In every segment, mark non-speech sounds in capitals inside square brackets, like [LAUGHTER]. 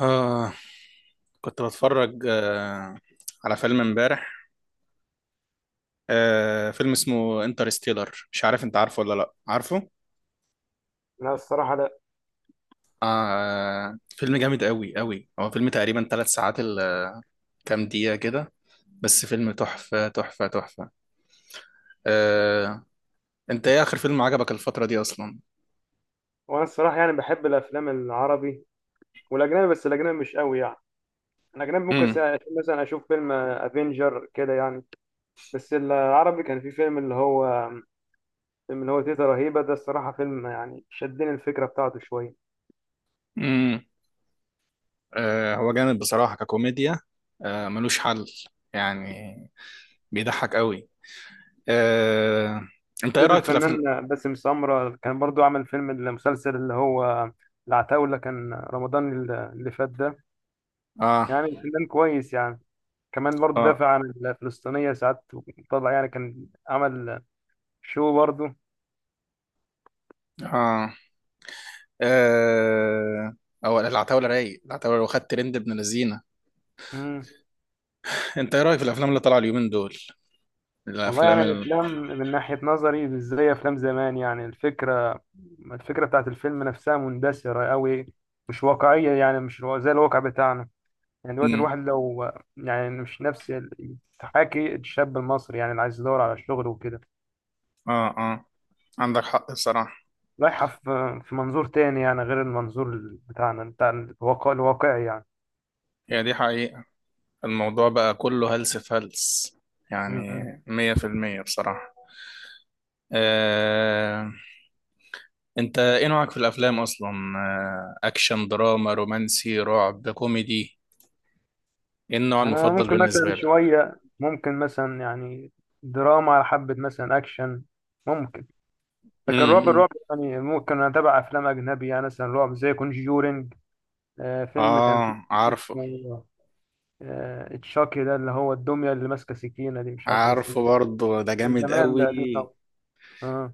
آه كنت بتفرج على فيلم امبارح. فيلم اسمه انترستيلر، مش عارف انت عارفه ولا لا، عارفه؟ لا، الصراحة لا. فيلم جامد، قوي قوي. هو فيلم تقريبا 3 ساعات كام دقيقة كده، بس فيلم تحفة تحفة تحفة. آه انت ايه اخر فيلم عجبك الفترة دي اصلا؟ وأنا الصراحة بحب الأفلام العربي والأجنبي، بس الأجنبي مش قوي الأجنبي ممكن امم مثلا أشوف فيلم أفينجر كده بس العربي كان في فيلم اللي هو، تيتا رهيبة ده، الصراحة فيلم شدني الفكرة بتاعته شوية. امم هو جامد بصراحة ككوميديا. ملوش حل يعني، بيضحك قوي. آه انت ده ايه رأيك في الافلام؟ الفنان باسم سمرة كان برضو عمل فيلم، المسلسل اللي هو العتاولة، كان رمضان اللي فات ده. اه، الفنان كويس كمان برضو اه، دافع عن الفلسطينية ساعات. طلع كان عمل شو برضو. اه، آه، او العتاوله رايق، العتاوله لو خدت ترند ابن لذينه. مم. انت ايه رايك في الافلام اللي طالعه اليومين دول؟ والله الافلام يعني الافلام من ناحيه نظري مش زي افلام زمان، يعني الفكره، بتاعت الفيلم نفسها مندثره قوي. مش واقعيه، يعني مش زي الواقع بتاعنا. يعني دلوقتي مم. الواحد لو، يعني مش نفس تحاكي الشاب المصري، يعني اللي عايز يدور على شغل وكده. اه، اه، عندك حق الصراحه. رايحه في منظور تاني، يعني غير المنظور بتاعنا، بتاع الواقع الواقعي يعني. هي دي حقيقه، الموضوع بقى كله هلس في هلس، يعني م-م. 100% بصراحه. آه، انت ايه نوعك في الافلام اصلا؟ اكشن، دراما، رومانسي، رعب، كوميدي، ايه النوع انا المفضل ممكن مثلا بالنسبه لك؟ شويه، ممكن مثلا يعني دراما على حبه، مثلا اكشن ممكن. لكن الرعب امم الرعب يعني، ممكن اتابع افلام اجنبي، يعني مثلا رعب زي كونجورينج. فيلم كان فيه اه، عارفه. اسمه، تشاكي ده، اللي هو الدميه اللي ماسكه سكينه دي، مش عارف انا اسمه. عارفه برضه، ده جامد زمان، قوي. ده قديم قوي. اه.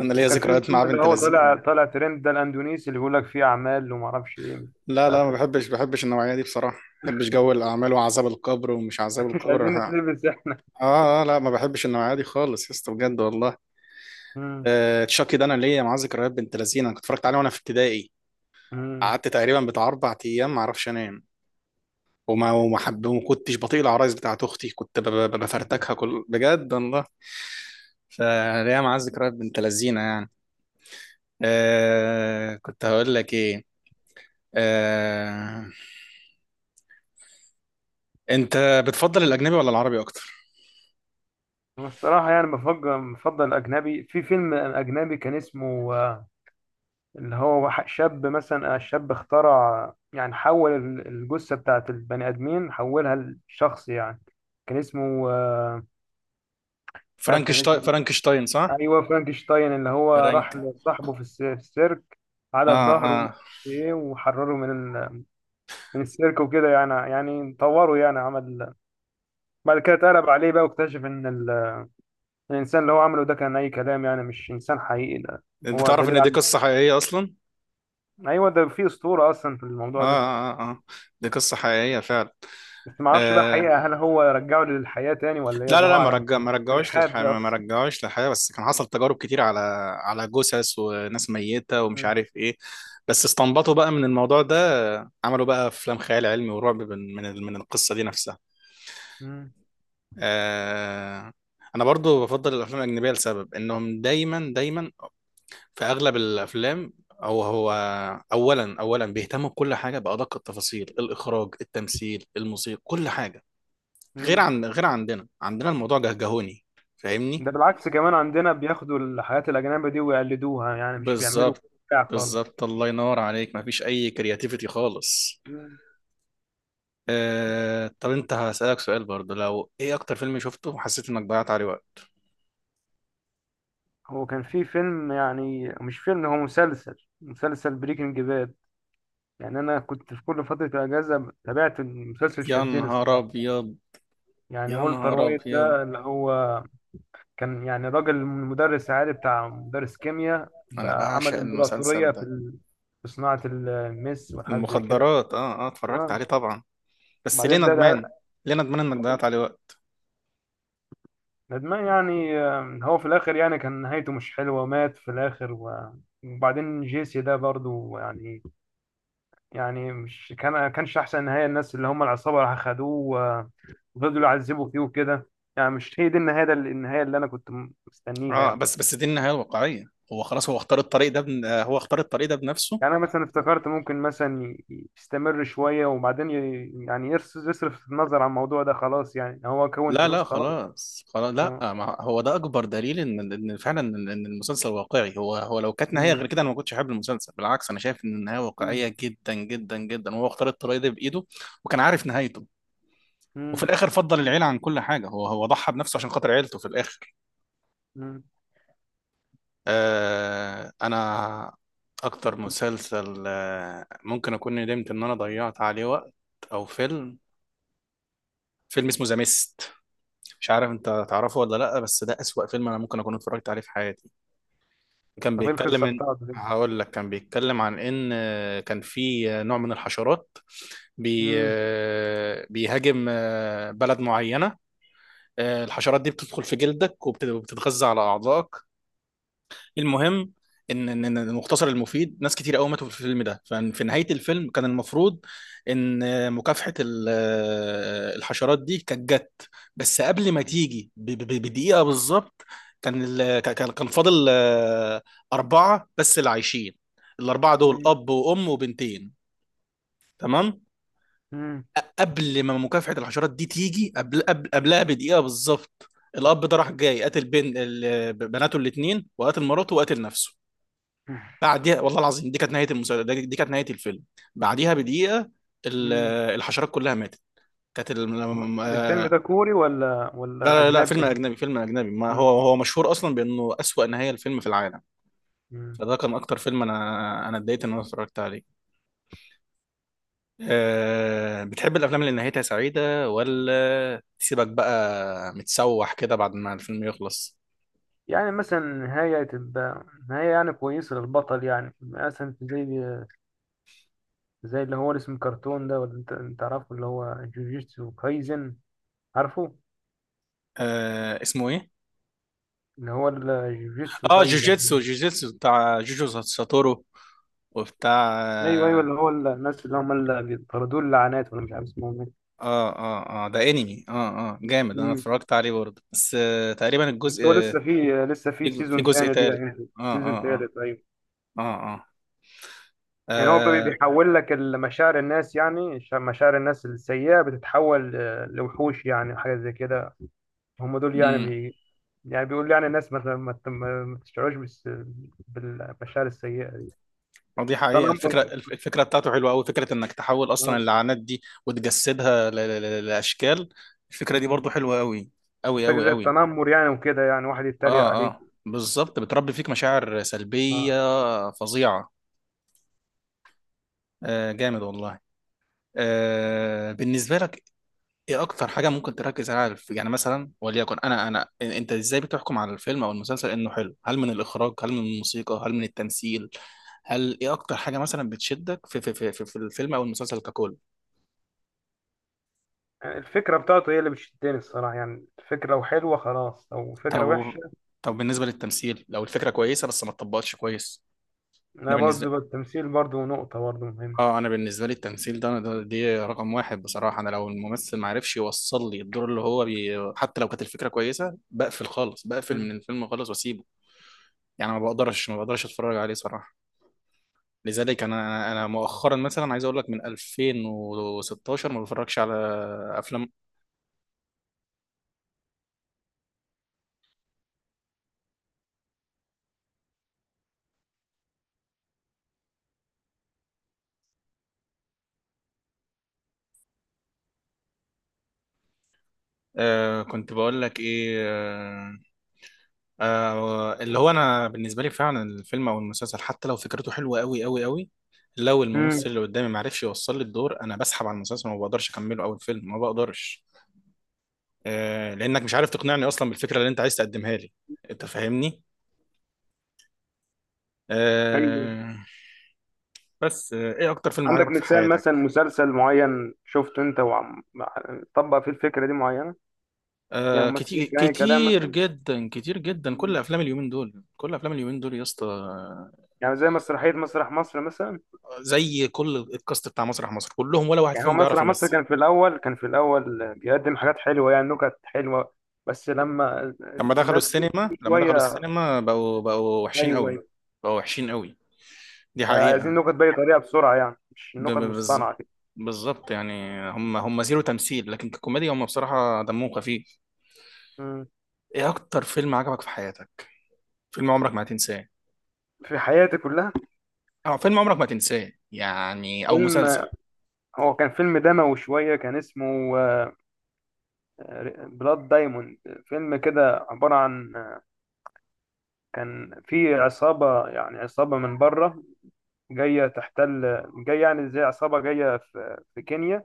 انا ليا وكان فيه ذكريات مع فيلم اللي بنت هو طالع، لذين. ترند ده الاندونيسي، اللي بيقول لك فيه اعمال وما اعرفش ايه، مش لا، لا، عارف. ما بحبش النوعيه دي بصراحه، ما بحبش جو الاعمال وعذاب القبر ومش عذاب [LAUGHS] مش القبر، عايزين ها. نتلبس احنا. اه، اه، لا ما بحبش النوعيه دي خالص يا اسطى، بجد والله. مم. تشاكي ده، انا ليا معاه ذكريات بنت لذين. انا كنت اتفرجت عليه وانا في ابتدائي، مم. قعدت تقريبا بتاع 4 ايام ما اعرفش انام، وما حب، وما كنتش بطيق العرايس بتاعت اختي، كنت بفرتكها [LAUGHS] كل، بجد والله. فليا معاه ذكريات بنت لذينه يعني. كنت هقول لك ايه. آه انت بتفضل الاجنبي ولا العربي اكتر؟ الصراحه بفضل، الاجنبي. في فيلم اجنبي كان اسمه اللي هو شاب، مثلا الشاب اخترع، يعني حول الجثة بتاعت البني آدمين، حولها لشخص يعني. كان اسمه مش عارف كان فرانكشتاين، اسمه إيه. فرانكشتاين، صح؟ أيوه، فرانكشتاين، اللي هو راح فرانك. لصاحبه في في السيرك على اه، ظهره، ومش اه، عارف ايه، وحرره من ال- من السيرك وكده، يعني طوره، يعني عمل. بعد كده اتقلب عليه بقى، واكتشف ان الانسان اللي هو عمله ده كان اي كلام، يعني مش انسان حقيقي ده. انت هو تعرف دليل ان دي على، قصة حقيقية اصلا؟ ايوه ده في اسطوره اصلا في اه، الموضوع ده. اه، اه، دي قصة حقيقية فعلا. بس ما اعرفش بقى آه. حقيقة، هل هو رجعه للحياة تاني ولا ايه؟ لا، لا، الله لا، اعلم. ما رجعوش الحاد للحياة، ده ما اصلا. رجعوش للحياة، بس كان حصل تجارب كتير على على جثث وناس ميتة ومش مم. عارف ايه. بس استنبطوا بقى من الموضوع ده. عملوا بقى افلام خيال علمي ورعب من من القصة دي نفسها. مم. آه. انا برضو بفضل الافلام الاجنبية لسبب انهم دايما دايما، في اغلب الافلام، هو اولا بيهتموا بكل حاجه، بادق التفاصيل، الاخراج، التمثيل، الموسيقى، كل حاجه. مم. غير عندنا الموضوع جهجهوني، فاهمني؟ ده بالعكس، كمان عندنا بياخدوا الحياة الأجنبية دي ويقلدوها، يعني مش بيعملوا بالظبط، بتاع خالص. بالظبط، الله ينور عليك، مفيش اي كرياتيفيتي خالص. مم. طب انت هسألك سؤال برضه، لو ايه اكتر فيلم شفته وحسيت انك ضيعت عليه وقت؟ هو كان في فيلم، يعني مش فيلم، هو مسلسل، بريكنج باد. يعني أنا كنت في كل فترة الأجازة تابعت المسلسل، يا شدني نهار الصراحة. ابيض، يعني يا والتر نهار وايت ابيض! ده، اللي هو كان يعني راجل مدرس عالي، بتاع مدرس كيمياء، انا بقى عمل بعشق امبراطورية المسلسل في ده. في صناعة المس والحاجات زي كده. المخدرات، اه، اه، اتفرجت آه. عليه طبعا، بس ليه وبعدين ده ندمان؟ ده ليه ندمان انك ضيعت عليه وقت؟ ندمان يعني، هو في الآخر يعني كان نهايته مش حلوة، ومات في الآخر وبعدين جيسي ده برضو يعني، يعني مش كانش أحسن نهاية. الناس اللي هم العصابة راح خدوه، وفضلوا يعذبوا فيه وكده. يعني مش هي دي النهاية، النهاية اللي أنا كنت مستنيها اه، يعني. بس دي النهايه الواقعيه. هو خلاص، هو اختار الطريق ده بنفسه. يعني انا مثلا افتكرت ممكن مثلا يستمر شويه، وبعدين يصرف النظر عن الموضوع ده خلاص، يعني هو كون لا، لا، فلوس خلاص. خلاص، خلاص، لا، آه. ما هو ده اكبر دليل ان فعلا إن المسلسل واقعي. هو لو كانت نهايه غير مم. كده انا ما كنتش احب المسلسل. بالعكس، انا شايف ان النهايه مم. واقعيه جدا جدا جدا. هو اختار الطريق ده بايده وكان عارف نهايته. وفي مم. الاخر فضل العيله عن كل حاجه، هو ضحى بنفسه عشان خاطر عيلته في الاخر. مم. انا اكتر مسلسل ممكن اكون ندمت ان انا ضيعت عليه وقت، او فيلم. فيلم اسمه ذا ميست، مش عارف انت تعرفه ولا لا، بس ده اسوأ فيلم انا ممكن اكون اتفرجت عليه في حياتي. كان طب ايه بيتكلم القصه ان، بتاعته دي؟ هقول لك، كان بيتكلم عن ان كان في نوع من الحشرات، بي مم. آه، بيهاجم بلد معينة. الحشرات دي بتدخل في جلدك وبتتغذى على أعضائك. المهم، ان إن المختصر المفيد ناس كتير قوي ماتوا في الفيلم ده. ففي نهايه الفيلم كان المفروض ان مكافحه الحشرات دي كانت جت، بس قبل ما تيجي بدقيقه بالظبط، كان كان فاضل اربعه بس اللي عايشين. الاربعه دول مم. اب وام وبنتين. تمام. مم. قبل ما مكافحه الحشرات دي تيجي، قبلها بدقيقه بالظبط، الاب ده راح جاي قتل بين بناته الاثنين وقتل مراته وقتل نفسه. بعديها والله العظيم، دي كانت نهايه المسلسل، دي كانت نهايه الفيلم. بعديها بدقيقه ال- مم. الحشرات كلها ماتت. كانت ال... م- الفيلم آه، ده كوري ولا لا، ولا لا، لا، فيلم اجنبي؟ اجنبي، فيلم اجنبي، ما مم. هو مشهور اصلا بانه اسوأ نهايه الفيلم في العالم. مم. فده كان اكتر فيلم انا اتضايقت ان انا اتفرجت عليه. بتحب الافلام اللي نهايتها سعيده ولا تسيبك بقى متسوح كده بعد ما الفيلم يخلص؟ يعني مثلا نهاية تبقى نهاية، يعني كويسة للبطل، يعني مثلا زي، زي اللي هو اسم كرتون ده، ولا انت تعرفه؟ اللي هو جوجيتسو كايزن، عارفه؟ اسمه ايه؟ اللي هو الجوجيتسو اه، كايزن. جوجيتسو، جوجيتسو بتاع جوجو ساتورو وبتاع. ايوه، ايوه، اللي هو الناس اللي هم اللي بيطردوا اللعنات، ولا مش عارف اسمهم ايه. اه، اه، اه، ده انمي، اه. اه، جامد. انا مم. اتفرجت عليه برضه، بس تقريبا الجزء بس هو لسه في، في سيزون جزء تاني دي، تالت. يعني اه، اه، سيزون اه، تالت، ايوه. اه، اه، يعني هو آه، بيحول لك مشاعر الناس، يعني مشاعر الناس السيئة بتتحول لوحوش، يعني حاجة زي كده. هم دول يعني امم يعني بيقول يعني الناس ما تشعرش بالمشاعر السيئة دي. آه، دي حقيقة تنمر. الفكرة. الفكرة بتاعته حلوة قوي، فكرة انك تحول اصلا آه، اللعنات دي وتجسدها لاشكال. الفكرة دي مم. برضه حلوة، قوي قوي فكرة قوي زي قوي. التنمر يعني، وكده يعني واحد يتريق اه، عليك. اه، بالظبط، بتربي فيك مشاعر سلبية آه. فظيعة. جامد والله. بالنسبة لك، ايه اكتر حاجه ممكن تركز عليها في، يعني مثلا وليكن انت ازاي بتحكم على الفيلم او المسلسل انه حلو؟ هل من الاخراج؟ هل من الموسيقى؟ هل من التمثيل؟ هل ايه اكتر حاجه مثلا بتشدك في الفيلم او المسلسل ككل؟ الفكرة بتاعته هي اللي بتشدني الصراحة، يعني الفكرة لو حلوة خلاص، لو طب فكرة وحشة. طب بالنسبه للتمثيل لو الفكره كويسه بس ما اتطبقتش كويس؟ انا أنا بالنسبه، برضه التمثيل برضه نقطة برضه مهمة. اه انا بالنسبه لي التمثيل ده، ده رقم واحد بصراحه. انا لو الممثل ما عرفش يوصل لي الدور اللي هو حتى لو كانت الفكره كويسه، بقفل خالص، بقفل مم. من الفيلم خالص واسيبه. يعني ما بقدرش اتفرج عليه صراحه. لذلك انا انا أنا مؤخرا مثلا عايز اقول لك من 2016 ما بتفرجش على افلام. كنت بقول لك ايه. اللي هو انا بالنسبه لي فعلا الفيلم او المسلسل حتى لو فكرته حلوه قوي قوي قوي، لو الممثل اللي قدامي ما عرفش يوصل لي الدور، انا بسحب على المسلسل وما بقدرش اكمله، او الفيلم ما بقدرش. لانك مش عارف تقنعني اصلا بالفكره اللي انت عايز تقدمها لي. انت فاهمني؟ آه بس آه ايه اكتر فيلم عندك عجبك في مثال، مثلا حياتك؟ مسلسل معين شفته أنت، وعم طبق فيه الفكرة دي معينة، يعني كتير، ممثلين كان أي كلام كتير مثلا. جدا، كتير جدا، كل مم. افلام اليومين دول، كل افلام اليومين دول يا اسطى. يعني زي مسرحية مسرح مصر مثلا. زي كل الكاست بتاع مسرح مصر، كلهم ولا واحد يعني هو فيهم بيعرف مسرح مصر يمثل. كان في الأول، بيقدم حاجات حلوة، يعني نكت حلوة. بس لما لما دخلوا الناس كل السينما، لما دخلوا شوية، السينما، بقوا وحشين أيوه، قوي. أيوه، بقوا وحشين قوي، دي عايزين حقيقة. نكت بأي طريقة بسرعة، يعني مش ب- نكت ب- بالظ- مصطنعة بالظبط يعني. هم زيرو تمثيل، لكن ككوميديا هم بصراحة دمهم خفيف. كده. ايه اكتر فيلم عجبك في حياتك؟ فيلم عمرك ما هتنساه؟ في حياتي كلها، اه، فيلم عمرك ما هتنساه يعني، او فيلم، مسلسل. هو كان فيلم دموي شوية، كان اسمه بلاد دايموند. فيلم كده عبارة عن، كان في عصابة يعني، عصابة من بره جاية تحتل، جاية يعني زي عصابة جاية في كينيا.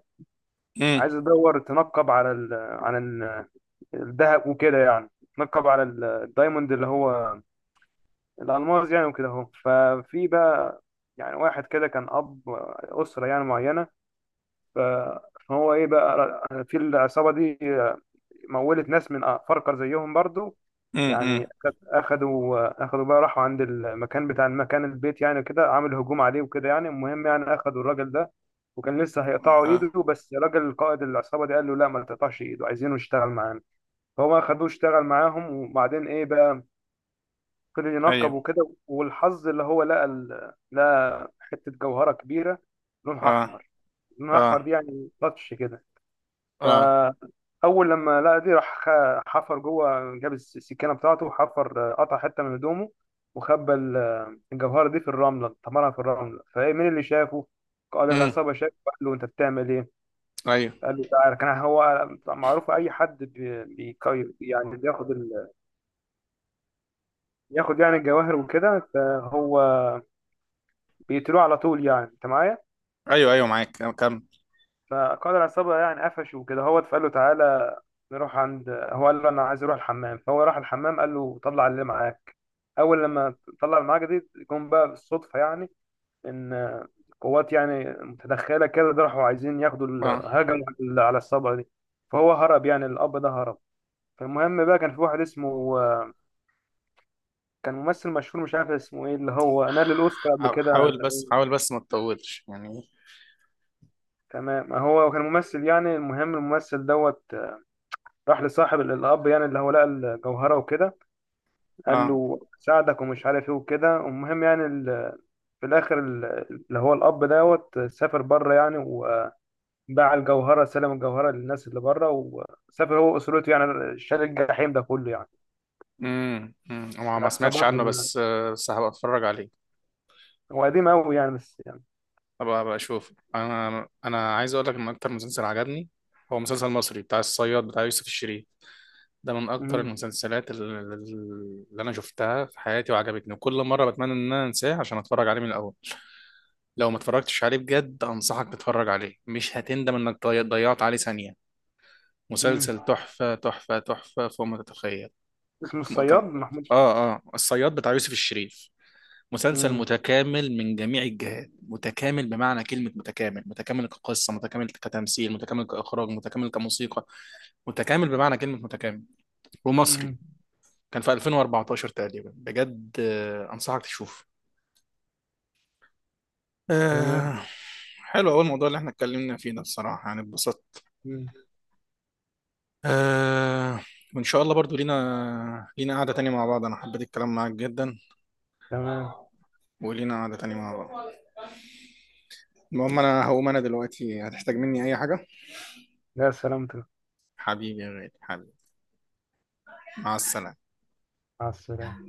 امم عايزة تدور تنقب على ال، على الذهب وكده يعني. تنقب على الدايموند، اللي هو الألماس يعني، وكده اهو. ففي بقى يعني واحد كده كان أب أسرة يعني معينة. ف- فهو إيه بقى، في العصابة دي، مولت ناس من فرقة زيهم برضو. امم يعني امم اخدوا بقى، راحوا عند المكان، بتاع المكان البيت يعني كده، عامل هجوم عليه وكده يعني. المهم، يعني اخدوا الراجل ده، وكان لسه هيقطعوا اه، ايده، بس راجل قائد العصابة دي قال له لا ما تقطعش ايده، عايزينه يشتغل معانا. فهو اخدوه اشتغل معاهم، وبعدين ايه بقى، فضل ينقب ايوه، وكده، والحظ اللي هو لقى لقى حتة جوهرة كبيرة، لونها اه، احمر. لونها احمر اه، دي يعني تاتش كده. اه. فأول لما لقى دي، راح حفر جوه، جاب السكينة بتاعته، وحفر، قطع حتة من هدومه، وخبى الجوهرة دي في الرملة، طمرها في الرملة. فإيه، مين اللي شافه؟ قال امم العصابة شافه، قال له أنت بتعمل إيه؟ ايوه، قال له تعالى. كان هو معروف أي حد بي- يعني بياخد يعني الجواهر وكده، فهو بيقتلوه على طول. يعني أنت معايا؟ ايوه، ايوه، معاك أنا، كمل. فقائد العصابة يعني قفشه وكده، هو فقال له تعالى نروح عند، هو قال له أنا عايز أروح الحمام. فهو راح الحمام، قال له طلع اللي معاك. أول لما طلع اللي معاك دي، جم بقى بالصدفة يعني إن قوات يعني متدخلة كده، ده راحوا عايزين ياخدوا اه، هجموا على الصبا دي. فهو هرب، يعني الأب ده هرب. فالمهم بقى كان في واحد اسمه، كان ممثل مشهور مش عارف اسمه ايه، اللي هو نال الأوسكار قبل كده. حاول بس، حاول بس، ما تطولش يعني. تمام، هو كان ممثل يعني. المهم الممثل دوت راح لصاحب الاب يعني، اللي هو لقى الجوهره وكده. قال اه. له ساعدك، ومش عارف ايه وكده. المهم يعني في الاخر اللي هو الاب دوت سافر بره يعني، وباع الجوهره، سلم الجوهره للناس اللي بره، وسافر هو واسرته يعني، شال الجحيم ده كله يعني، ما سمعتش العصابات عنه، وال... بس بس هبقى اتفرج عليه. هو قديم قوي يعني، بس يعني. هبقى اشوف. انا عايز اقول لك ان اكتر مسلسل عجبني هو مسلسل مصري بتاع الصياد بتاع يوسف الشريف. ده من اكتر مم. المسلسلات اللي انا شفتها في حياتي وعجبتني، وكل مره بتمنى ان انا انساه عشان اتفرج عليه من الاول. لو ما اتفرجتش عليه، بجد انصحك تتفرج عليه، مش هتندم انك ضيعت عليه ثانيه. مم. مسلسل تحفة تحفة تحفة فوق ما تتخيل. اسمه كم كم الصياد محمود. اه، اه، الصياد بتاع يوسف الشريف، مسلسل مم. متكامل من جميع الجهات، متكامل بمعنى كلمة متكامل، متكامل كقصة، متكامل كتمثيل، متكامل كإخراج، متكامل كموسيقى، متكامل بمعنى كلمة متكامل. ومصري، مم. كان في 2014 تقريبا، بجد أنصحك تشوف. تمام. آه حلو، أول موضوع اللي احنا اتكلمنا فيه ده الصراحة يعني اتبسطت. مم. آه وإن شاء الله برضو لينا، قعدة تانية مع بعض. أنا حبيت الكلام معاك جدا، تمام. ولينا قعدة تانية مع بعض. المهم، أنا هقوم، أنا دلوقتي هتحتاج مني أي حاجة؟ يا سلامتك. حبيبي يا غالي، حبيبي. مع السلامة. مع السلامه.